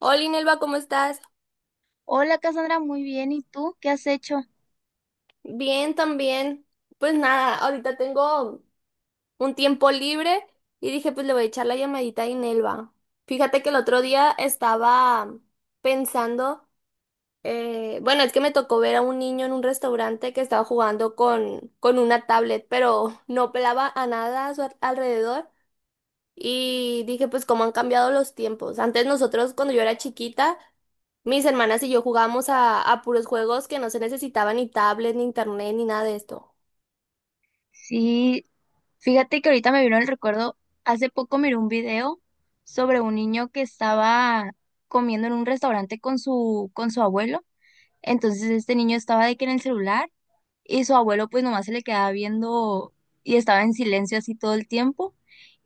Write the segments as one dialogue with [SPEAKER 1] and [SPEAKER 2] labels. [SPEAKER 1] Hola, Inelva, ¿cómo estás?
[SPEAKER 2] Hola Cassandra, muy bien. ¿Y tú qué has hecho?
[SPEAKER 1] Bien, también. Pues nada, ahorita tengo un tiempo libre y dije, pues le voy a echar la llamadita a Inelva. Fíjate que el otro día estaba pensando, bueno, es que me tocó ver a un niño en un restaurante que estaba jugando con una tablet, pero no pelaba a nada a su alrededor. Y dije, pues cómo han cambiado los tiempos. Antes nosotros, cuando yo era chiquita, mis hermanas y yo jugábamos a puros juegos que no se necesitaban ni tablet, ni internet, ni nada de esto.
[SPEAKER 2] Sí, fíjate que ahorita me vino el recuerdo, hace poco miré un video sobre un niño que estaba comiendo en un restaurante con su abuelo. Entonces este niño estaba de que en el celular y su abuelo pues nomás se le quedaba viendo y estaba en silencio así todo el tiempo.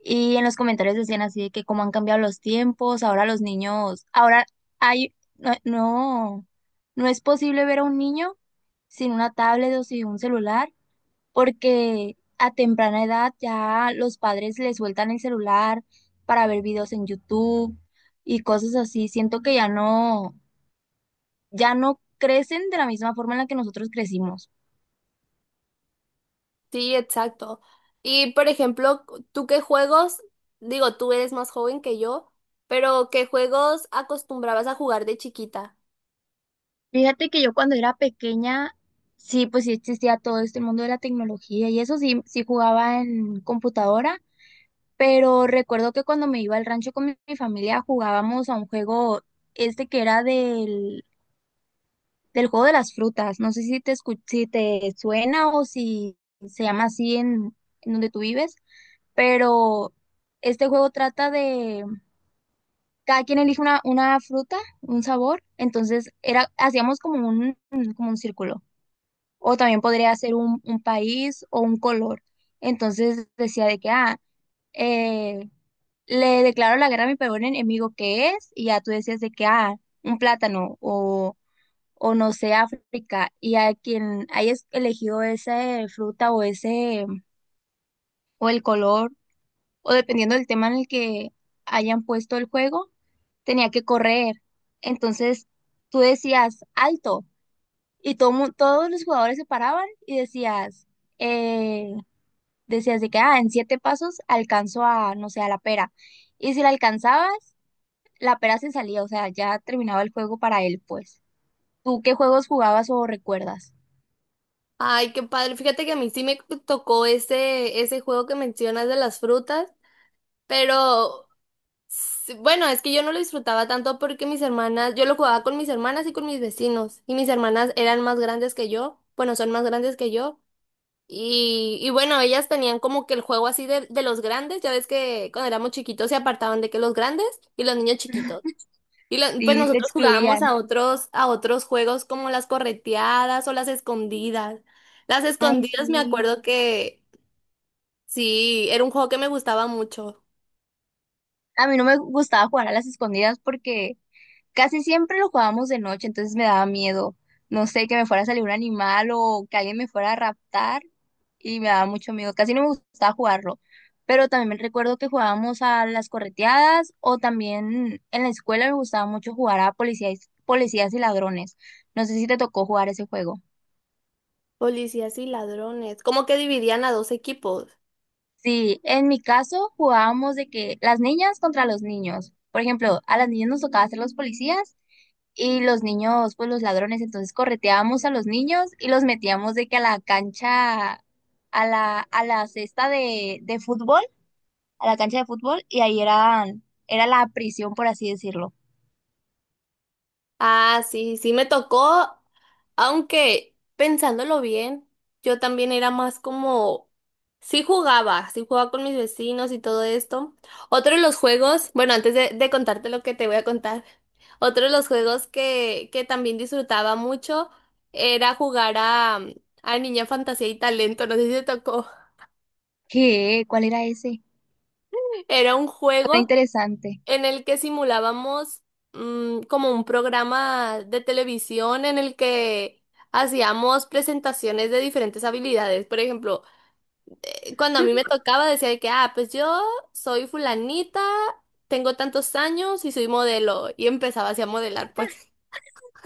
[SPEAKER 2] Y en los comentarios decían así de que cómo han cambiado los tiempos, ahora los niños, ahora hay, no, no, no es posible ver a un niño sin una tablet o sin un celular, porque a temprana edad ya los padres les sueltan el celular para ver videos en YouTube y cosas así. Siento que ya no crecen de la misma forma en la que nosotros crecimos.
[SPEAKER 1] Sí, exacto. Y por ejemplo, ¿tú qué juegos? Digo, tú eres más joven que yo, pero ¿qué juegos acostumbrabas a jugar de chiquita?
[SPEAKER 2] Fíjate que yo cuando era pequeña, sí, pues sí existía todo este mundo de la tecnología y eso sí jugaba en computadora. Pero recuerdo que cuando me iba al rancho con mi familia jugábamos a un juego este que era del juego de las frutas. No sé si si te suena o si se llama así en donde tú vives, pero este juego trata de cada quien elige una fruta, un sabor, entonces era, hacíamos como un círculo. O también podría ser un país o un color. Entonces decía de que, ah, eh, le declaro la guerra a mi peor enemigo que es, y ya tú decías de que, ah, un plátano o no sé, África, y a quien haya elegido esa fruta o ese, o el color, o dependiendo del tema en el que hayan puesto el juego, tenía que correr. Entonces tú decías alto, y todo, todos los jugadores se paraban y eh, decías de que, ah, en siete pasos alcanzo a, no sé, a la pera. Y si la alcanzabas, la pera se salía, o sea, ya terminaba el juego para él, pues. ¿Tú qué juegos jugabas o recuerdas?
[SPEAKER 1] Ay, qué padre. Fíjate que a mí sí me tocó ese juego que mencionas de las frutas, pero bueno, es que yo no lo disfrutaba tanto porque mis hermanas, yo lo jugaba con mis hermanas y con mis vecinos, y mis hermanas eran más grandes que yo, bueno, son más grandes que yo, y bueno, ellas tenían como que el juego así de los grandes, ya ves que cuando éramos chiquitos se apartaban de que los grandes y los niños chiquitos, y pues sí,
[SPEAKER 2] Sí, te
[SPEAKER 1] nosotros jugábamos
[SPEAKER 2] excluían.
[SPEAKER 1] a otros juegos como las correteadas o las escondidas. Las
[SPEAKER 2] Ay,
[SPEAKER 1] escondidas me
[SPEAKER 2] sí.
[SPEAKER 1] acuerdo que sí, era un juego que me gustaba mucho.
[SPEAKER 2] A mí no me gustaba jugar a las escondidas porque casi siempre lo jugábamos de noche, entonces me daba miedo. No sé, que me fuera a salir un animal o que alguien me fuera a raptar y me daba mucho miedo. Casi no me gustaba jugarlo. Pero también me recuerdo que jugábamos a las correteadas o también en la escuela me gustaba mucho jugar a policías y ladrones. No sé si te tocó jugar ese juego.
[SPEAKER 1] Policías y ladrones. Como que dividían a dos equipos.
[SPEAKER 2] Sí, en mi caso jugábamos de que las niñas contra los niños. Por ejemplo, a las niñas nos tocaba ser los policías y los niños, pues los ladrones. Entonces correteábamos a los niños y los metíamos de que a la cancha, a la cesta de fútbol, a la cancha de fútbol, y ahí eran, era la prisión, por así decirlo.
[SPEAKER 1] Ah, sí, sí me tocó, aunque pensándolo bien, yo también era más como, sí jugaba con mis vecinos y todo esto. Otro de los juegos, bueno, antes de contarte lo que te voy a contar, otro de los juegos que también disfrutaba mucho era jugar a Niña Fantasía y Talento, no sé si te tocó.
[SPEAKER 2] ¿Qué? ¿Cuál era ese?
[SPEAKER 1] Era un
[SPEAKER 2] Suena
[SPEAKER 1] juego
[SPEAKER 2] interesante.
[SPEAKER 1] en el que simulábamos como un programa de televisión en el que hacíamos presentaciones de diferentes habilidades. Por ejemplo, cuando a mí me tocaba decía de que, ah, pues yo soy fulanita, tengo tantos años y soy modelo. Y empezaba así a modelar, pues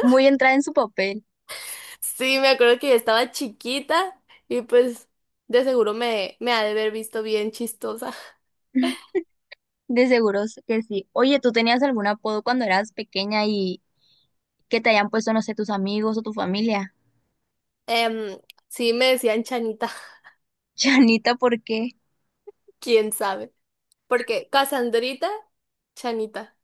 [SPEAKER 2] Muy entrada en su papel.
[SPEAKER 1] sí, me acuerdo que yo estaba chiquita y pues de seguro me ha de haber visto bien chistosa.
[SPEAKER 2] De seguros que sí. Oye, ¿tú tenías algún apodo cuando eras pequeña que te hayan puesto, no sé, tus amigos o tu familia?
[SPEAKER 1] Em, sí, me decían Chanita.
[SPEAKER 2] Chanita, ¿por qué?
[SPEAKER 1] Quién sabe. Porque Casandrita, Chanita.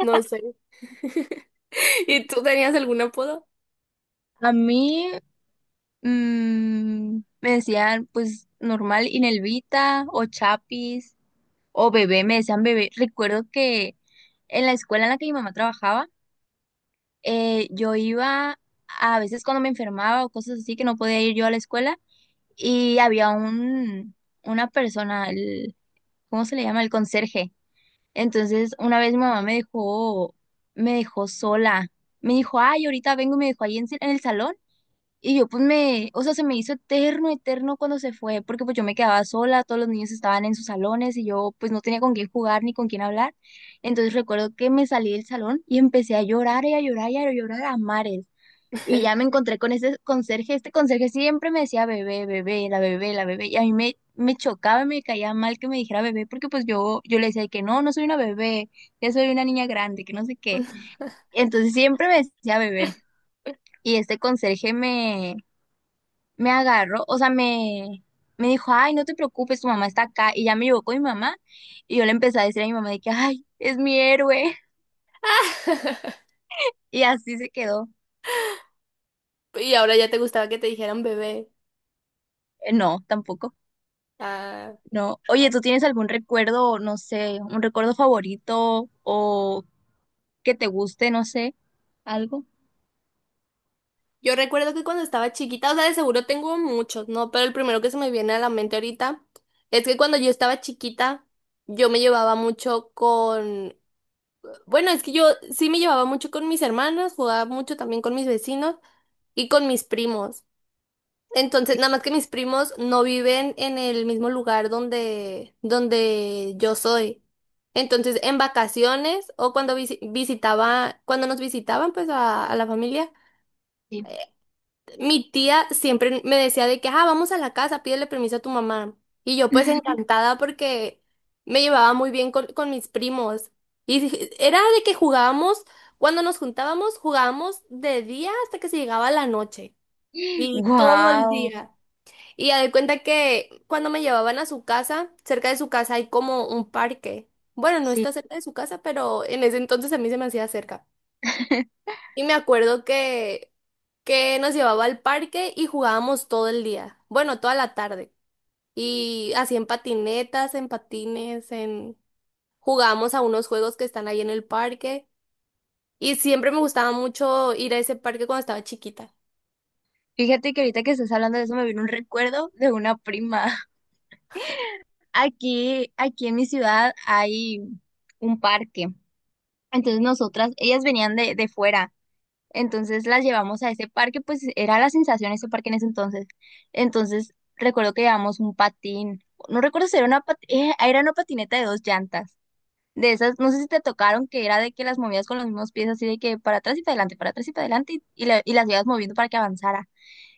[SPEAKER 1] No sé. ¿Y tú tenías algún apodo?
[SPEAKER 2] A mí me decían, pues, normal, Inelvita o Chapis o bebé, me decían bebé. Recuerdo que en la escuela en la que mi mamá trabajaba, yo iba a veces cuando me enfermaba o cosas así que no podía ir yo a la escuela y había una persona, ¿cómo se le llama? El conserje. Entonces, una vez mi mamá me dejó sola. Me dijo, ay, ahorita vengo y me dejó ahí en el salón. Y yo pues o sea, se me hizo eterno, eterno cuando se fue, porque pues yo me quedaba sola, todos los niños estaban en sus salones y yo pues no tenía con quién jugar ni con quién hablar. Entonces recuerdo que me salí del salón y empecé a llorar y a llorar y a llorar a mares. Y ya me encontré con ese conserje. Este conserje siempre me decía bebé, bebé, la bebé, la bebé. Y a mí me chocaba, me caía mal que me dijera bebé, porque pues yo le decía que no, no soy una bebé, que soy una niña grande, que no sé qué. Entonces siempre me decía bebé. Y este conserje me agarró, o sea, me dijo, ay, no te preocupes, tu mamá está acá. Y ya me llevó con mi mamá. Y yo le empecé a decir a mi mamá de que, ay, es mi héroe. Y así se quedó.
[SPEAKER 1] Y ahora ya te gustaba que te dijeran bebé.
[SPEAKER 2] No, tampoco.
[SPEAKER 1] Ah,
[SPEAKER 2] No. Oye, ¿tú tienes algún recuerdo, no sé, un recuerdo favorito o que te guste, no sé, algo?
[SPEAKER 1] yo recuerdo que cuando estaba chiquita, o sea, de seguro tengo muchos, ¿no? Pero el primero que se me viene a la mente ahorita es que cuando yo estaba chiquita, yo me llevaba mucho con... Bueno, es que yo sí me llevaba mucho con mis hermanos, jugaba mucho también con mis vecinos y con mis primos.
[SPEAKER 2] Sí,
[SPEAKER 1] Entonces, nada más que mis primos no viven en el mismo lugar donde yo soy. Entonces, en vacaciones o cuando visitaba, cuando nos visitaban pues a la familia,
[SPEAKER 2] sí.
[SPEAKER 1] mi tía siempre me decía de que, ah, vamos a la casa, pídele permiso a tu mamá. Y yo pues encantada porque me llevaba muy bien con mis primos. Y era de que jugábamos, cuando nos juntábamos, jugábamos de día hasta que se llegaba la noche. Y todo el
[SPEAKER 2] Wow.
[SPEAKER 1] día. Y ya de cuenta que cuando me llevaban a su casa, cerca de su casa hay como un parque. Bueno, no
[SPEAKER 2] Sí.
[SPEAKER 1] está cerca de su casa, pero en ese entonces a mí se me hacía cerca. Y me acuerdo que nos llevaba al parque y jugábamos todo el día. Bueno, toda la tarde. Y así en patinetas, en patines, en... Jugábamos a unos juegos que están ahí en el parque. Y siempre me gustaba mucho ir a ese parque cuando estaba chiquita.
[SPEAKER 2] Fíjate que ahorita que estás hablando de eso me vino un recuerdo de una prima. Aquí en mi ciudad hay un parque. Entonces ellas venían de fuera. Entonces las llevamos a ese parque, pues era la sensación ese parque en ese entonces. Entonces recuerdo que llevamos un patín, no recuerdo si era era una patineta de dos llantas, de esas, no sé si te tocaron, que era de que las movías con los mismos pies, así de que para atrás y para adelante, para atrás y para adelante, y las ibas moviendo para que avanzara.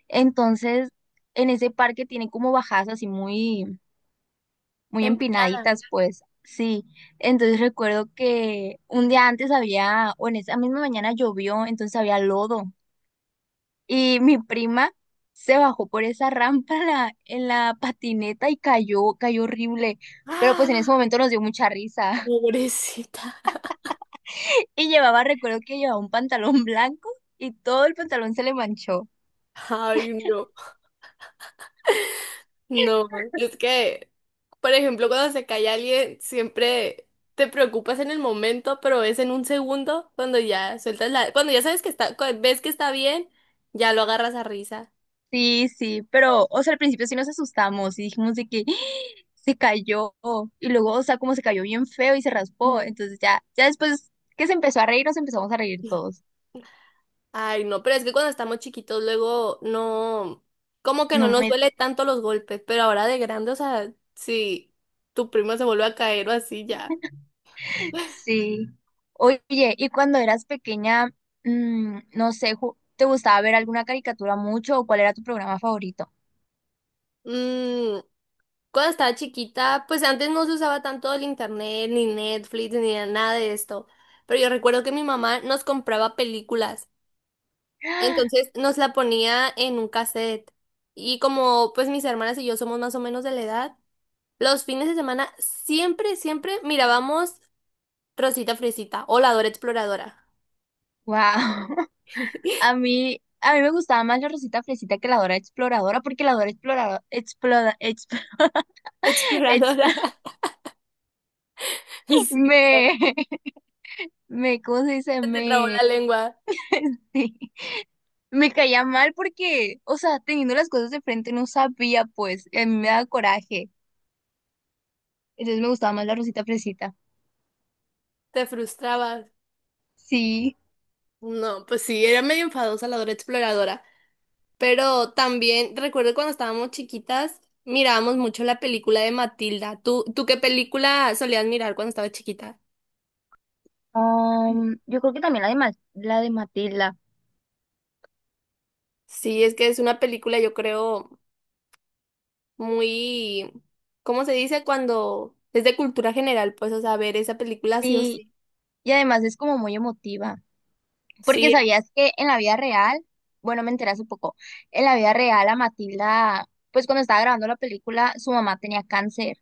[SPEAKER 2] Entonces en ese parque tiene como bajadas así muy, muy
[SPEAKER 1] Empinada.
[SPEAKER 2] empinaditas, pues. Sí, entonces recuerdo que un día antes había, o en esa misma mañana llovió, entonces había lodo y mi prima se bajó por esa rampa en la patineta y cayó, cayó horrible. Pero pues en ese
[SPEAKER 1] Ah,
[SPEAKER 2] momento nos dio mucha risa.
[SPEAKER 1] pobrecita.
[SPEAKER 2] Y recuerdo que llevaba un pantalón blanco y todo el pantalón se le manchó.
[SPEAKER 1] Ay, no. No, es que, por ejemplo, cuando se cae alguien, siempre te preocupas en el momento, pero es en un segundo cuando ya sueltas la, cuando ya sabes que está, ves que está bien, ya lo agarras a risa.
[SPEAKER 2] Sí, sí, pero, o sea, al principio sí nos asustamos y dijimos de que se cayó. Y luego, o sea, como se cayó bien feo y se raspó.
[SPEAKER 1] Mm.
[SPEAKER 2] Entonces ya, ya después que se empezó a reír, nos empezamos a reír todos.
[SPEAKER 1] Ay, no, pero es que cuando estamos chiquitos luego no, como que no
[SPEAKER 2] No
[SPEAKER 1] nos
[SPEAKER 2] me
[SPEAKER 1] duele tanto los golpes, pero ahora de grande, o sea, si tu primo se vuelve a caer o así ya.
[SPEAKER 2] Sí. Oye, ¿y cuando eras pequeña, no sé, te gustaba ver alguna caricatura mucho o cuál era tu programa favorito?
[SPEAKER 1] Mm, Cuando estaba chiquita, pues antes no se usaba tanto el internet, ni Netflix, ni nada de esto. Pero yo recuerdo que mi mamá nos compraba películas. Entonces nos la ponía en un cassette. Y como pues mis hermanas y yo somos más o menos de la edad, los fines de semana siempre mirábamos Rosita Fresita o La Dora Exploradora.
[SPEAKER 2] Wow. A mí me gustaba más la Rosita Fresita que la Dora Exploradora, porque la Dora Exploradora, exp-
[SPEAKER 1] Exploradora. Sí, claro.
[SPEAKER 2] me, ¿cómo se dice?
[SPEAKER 1] Se te trabó la lengua,
[SPEAKER 2] Sí, me caía mal porque, o sea, teniendo las cosas de frente no sabía, pues, y a mí me daba coraje. Entonces me gustaba más la Rosita Fresita.
[SPEAKER 1] te frustrabas.
[SPEAKER 2] Sí.
[SPEAKER 1] No, pues sí, era medio enfadosa la Dora Exploradora. Pero también recuerdo cuando estábamos chiquitas, mirábamos mucho la película de Matilda. ¿¿Tú qué película solías mirar cuando estabas chiquita?
[SPEAKER 2] Yo creo que también la de, la de Matilda.
[SPEAKER 1] Sí, es que es una película, yo creo, muy, ¿cómo se dice? Cuando es de cultura general, pues, o sea, ver esa película sí o
[SPEAKER 2] Sí,
[SPEAKER 1] sí.
[SPEAKER 2] y además es como muy emotiva. Porque
[SPEAKER 1] Sí.
[SPEAKER 2] sabías que en la vida real, bueno, me enteré hace poco, en la vida real a Matilda, pues cuando estaba grabando la película, su mamá tenía cáncer.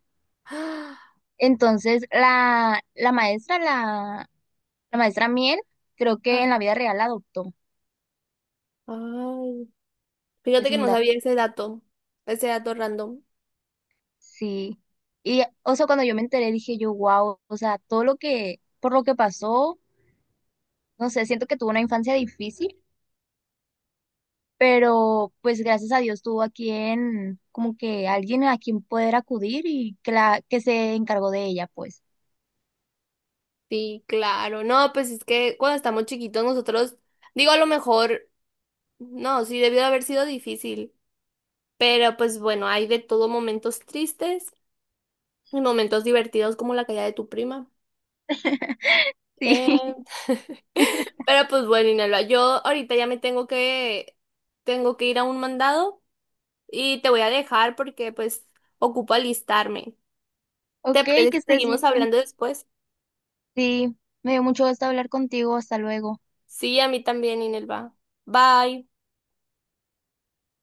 [SPEAKER 2] Entonces la maestra Miel, creo que
[SPEAKER 1] Ah,
[SPEAKER 2] en la vida real la adoptó.
[SPEAKER 1] ay, fíjate
[SPEAKER 2] Es
[SPEAKER 1] que
[SPEAKER 2] un
[SPEAKER 1] no
[SPEAKER 2] dato.
[SPEAKER 1] sabía ese dato random.
[SPEAKER 2] Sí. Y, o sea, cuando yo me enteré dije yo, wow, o sea, por lo que pasó, no sé, siento que tuvo una infancia difícil pero pues gracias a Dios tuvo a quien, como que alguien a quien poder acudir y que se encargó de ella, pues.
[SPEAKER 1] Sí, claro. No, pues es que cuando estamos chiquitos nosotros, digo, a lo mejor, no, sí, debió de haber sido difícil. Pero pues bueno, hay de todo momentos tristes y momentos divertidos como la caída de tu prima.
[SPEAKER 2] Sí,
[SPEAKER 1] Eh, Pero pues bueno, Inelva, yo ahorita ya me tengo tengo que ir a un mandado y te voy a dejar porque pues ocupo alistarme.
[SPEAKER 2] ok,
[SPEAKER 1] ¿Te parece
[SPEAKER 2] que
[SPEAKER 1] que
[SPEAKER 2] estés
[SPEAKER 1] seguimos
[SPEAKER 2] bien.
[SPEAKER 1] hablando después?
[SPEAKER 2] Sí, me dio mucho gusto hablar contigo, hasta luego.
[SPEAKER 1] Sí, a mí también, Inelva. Bye.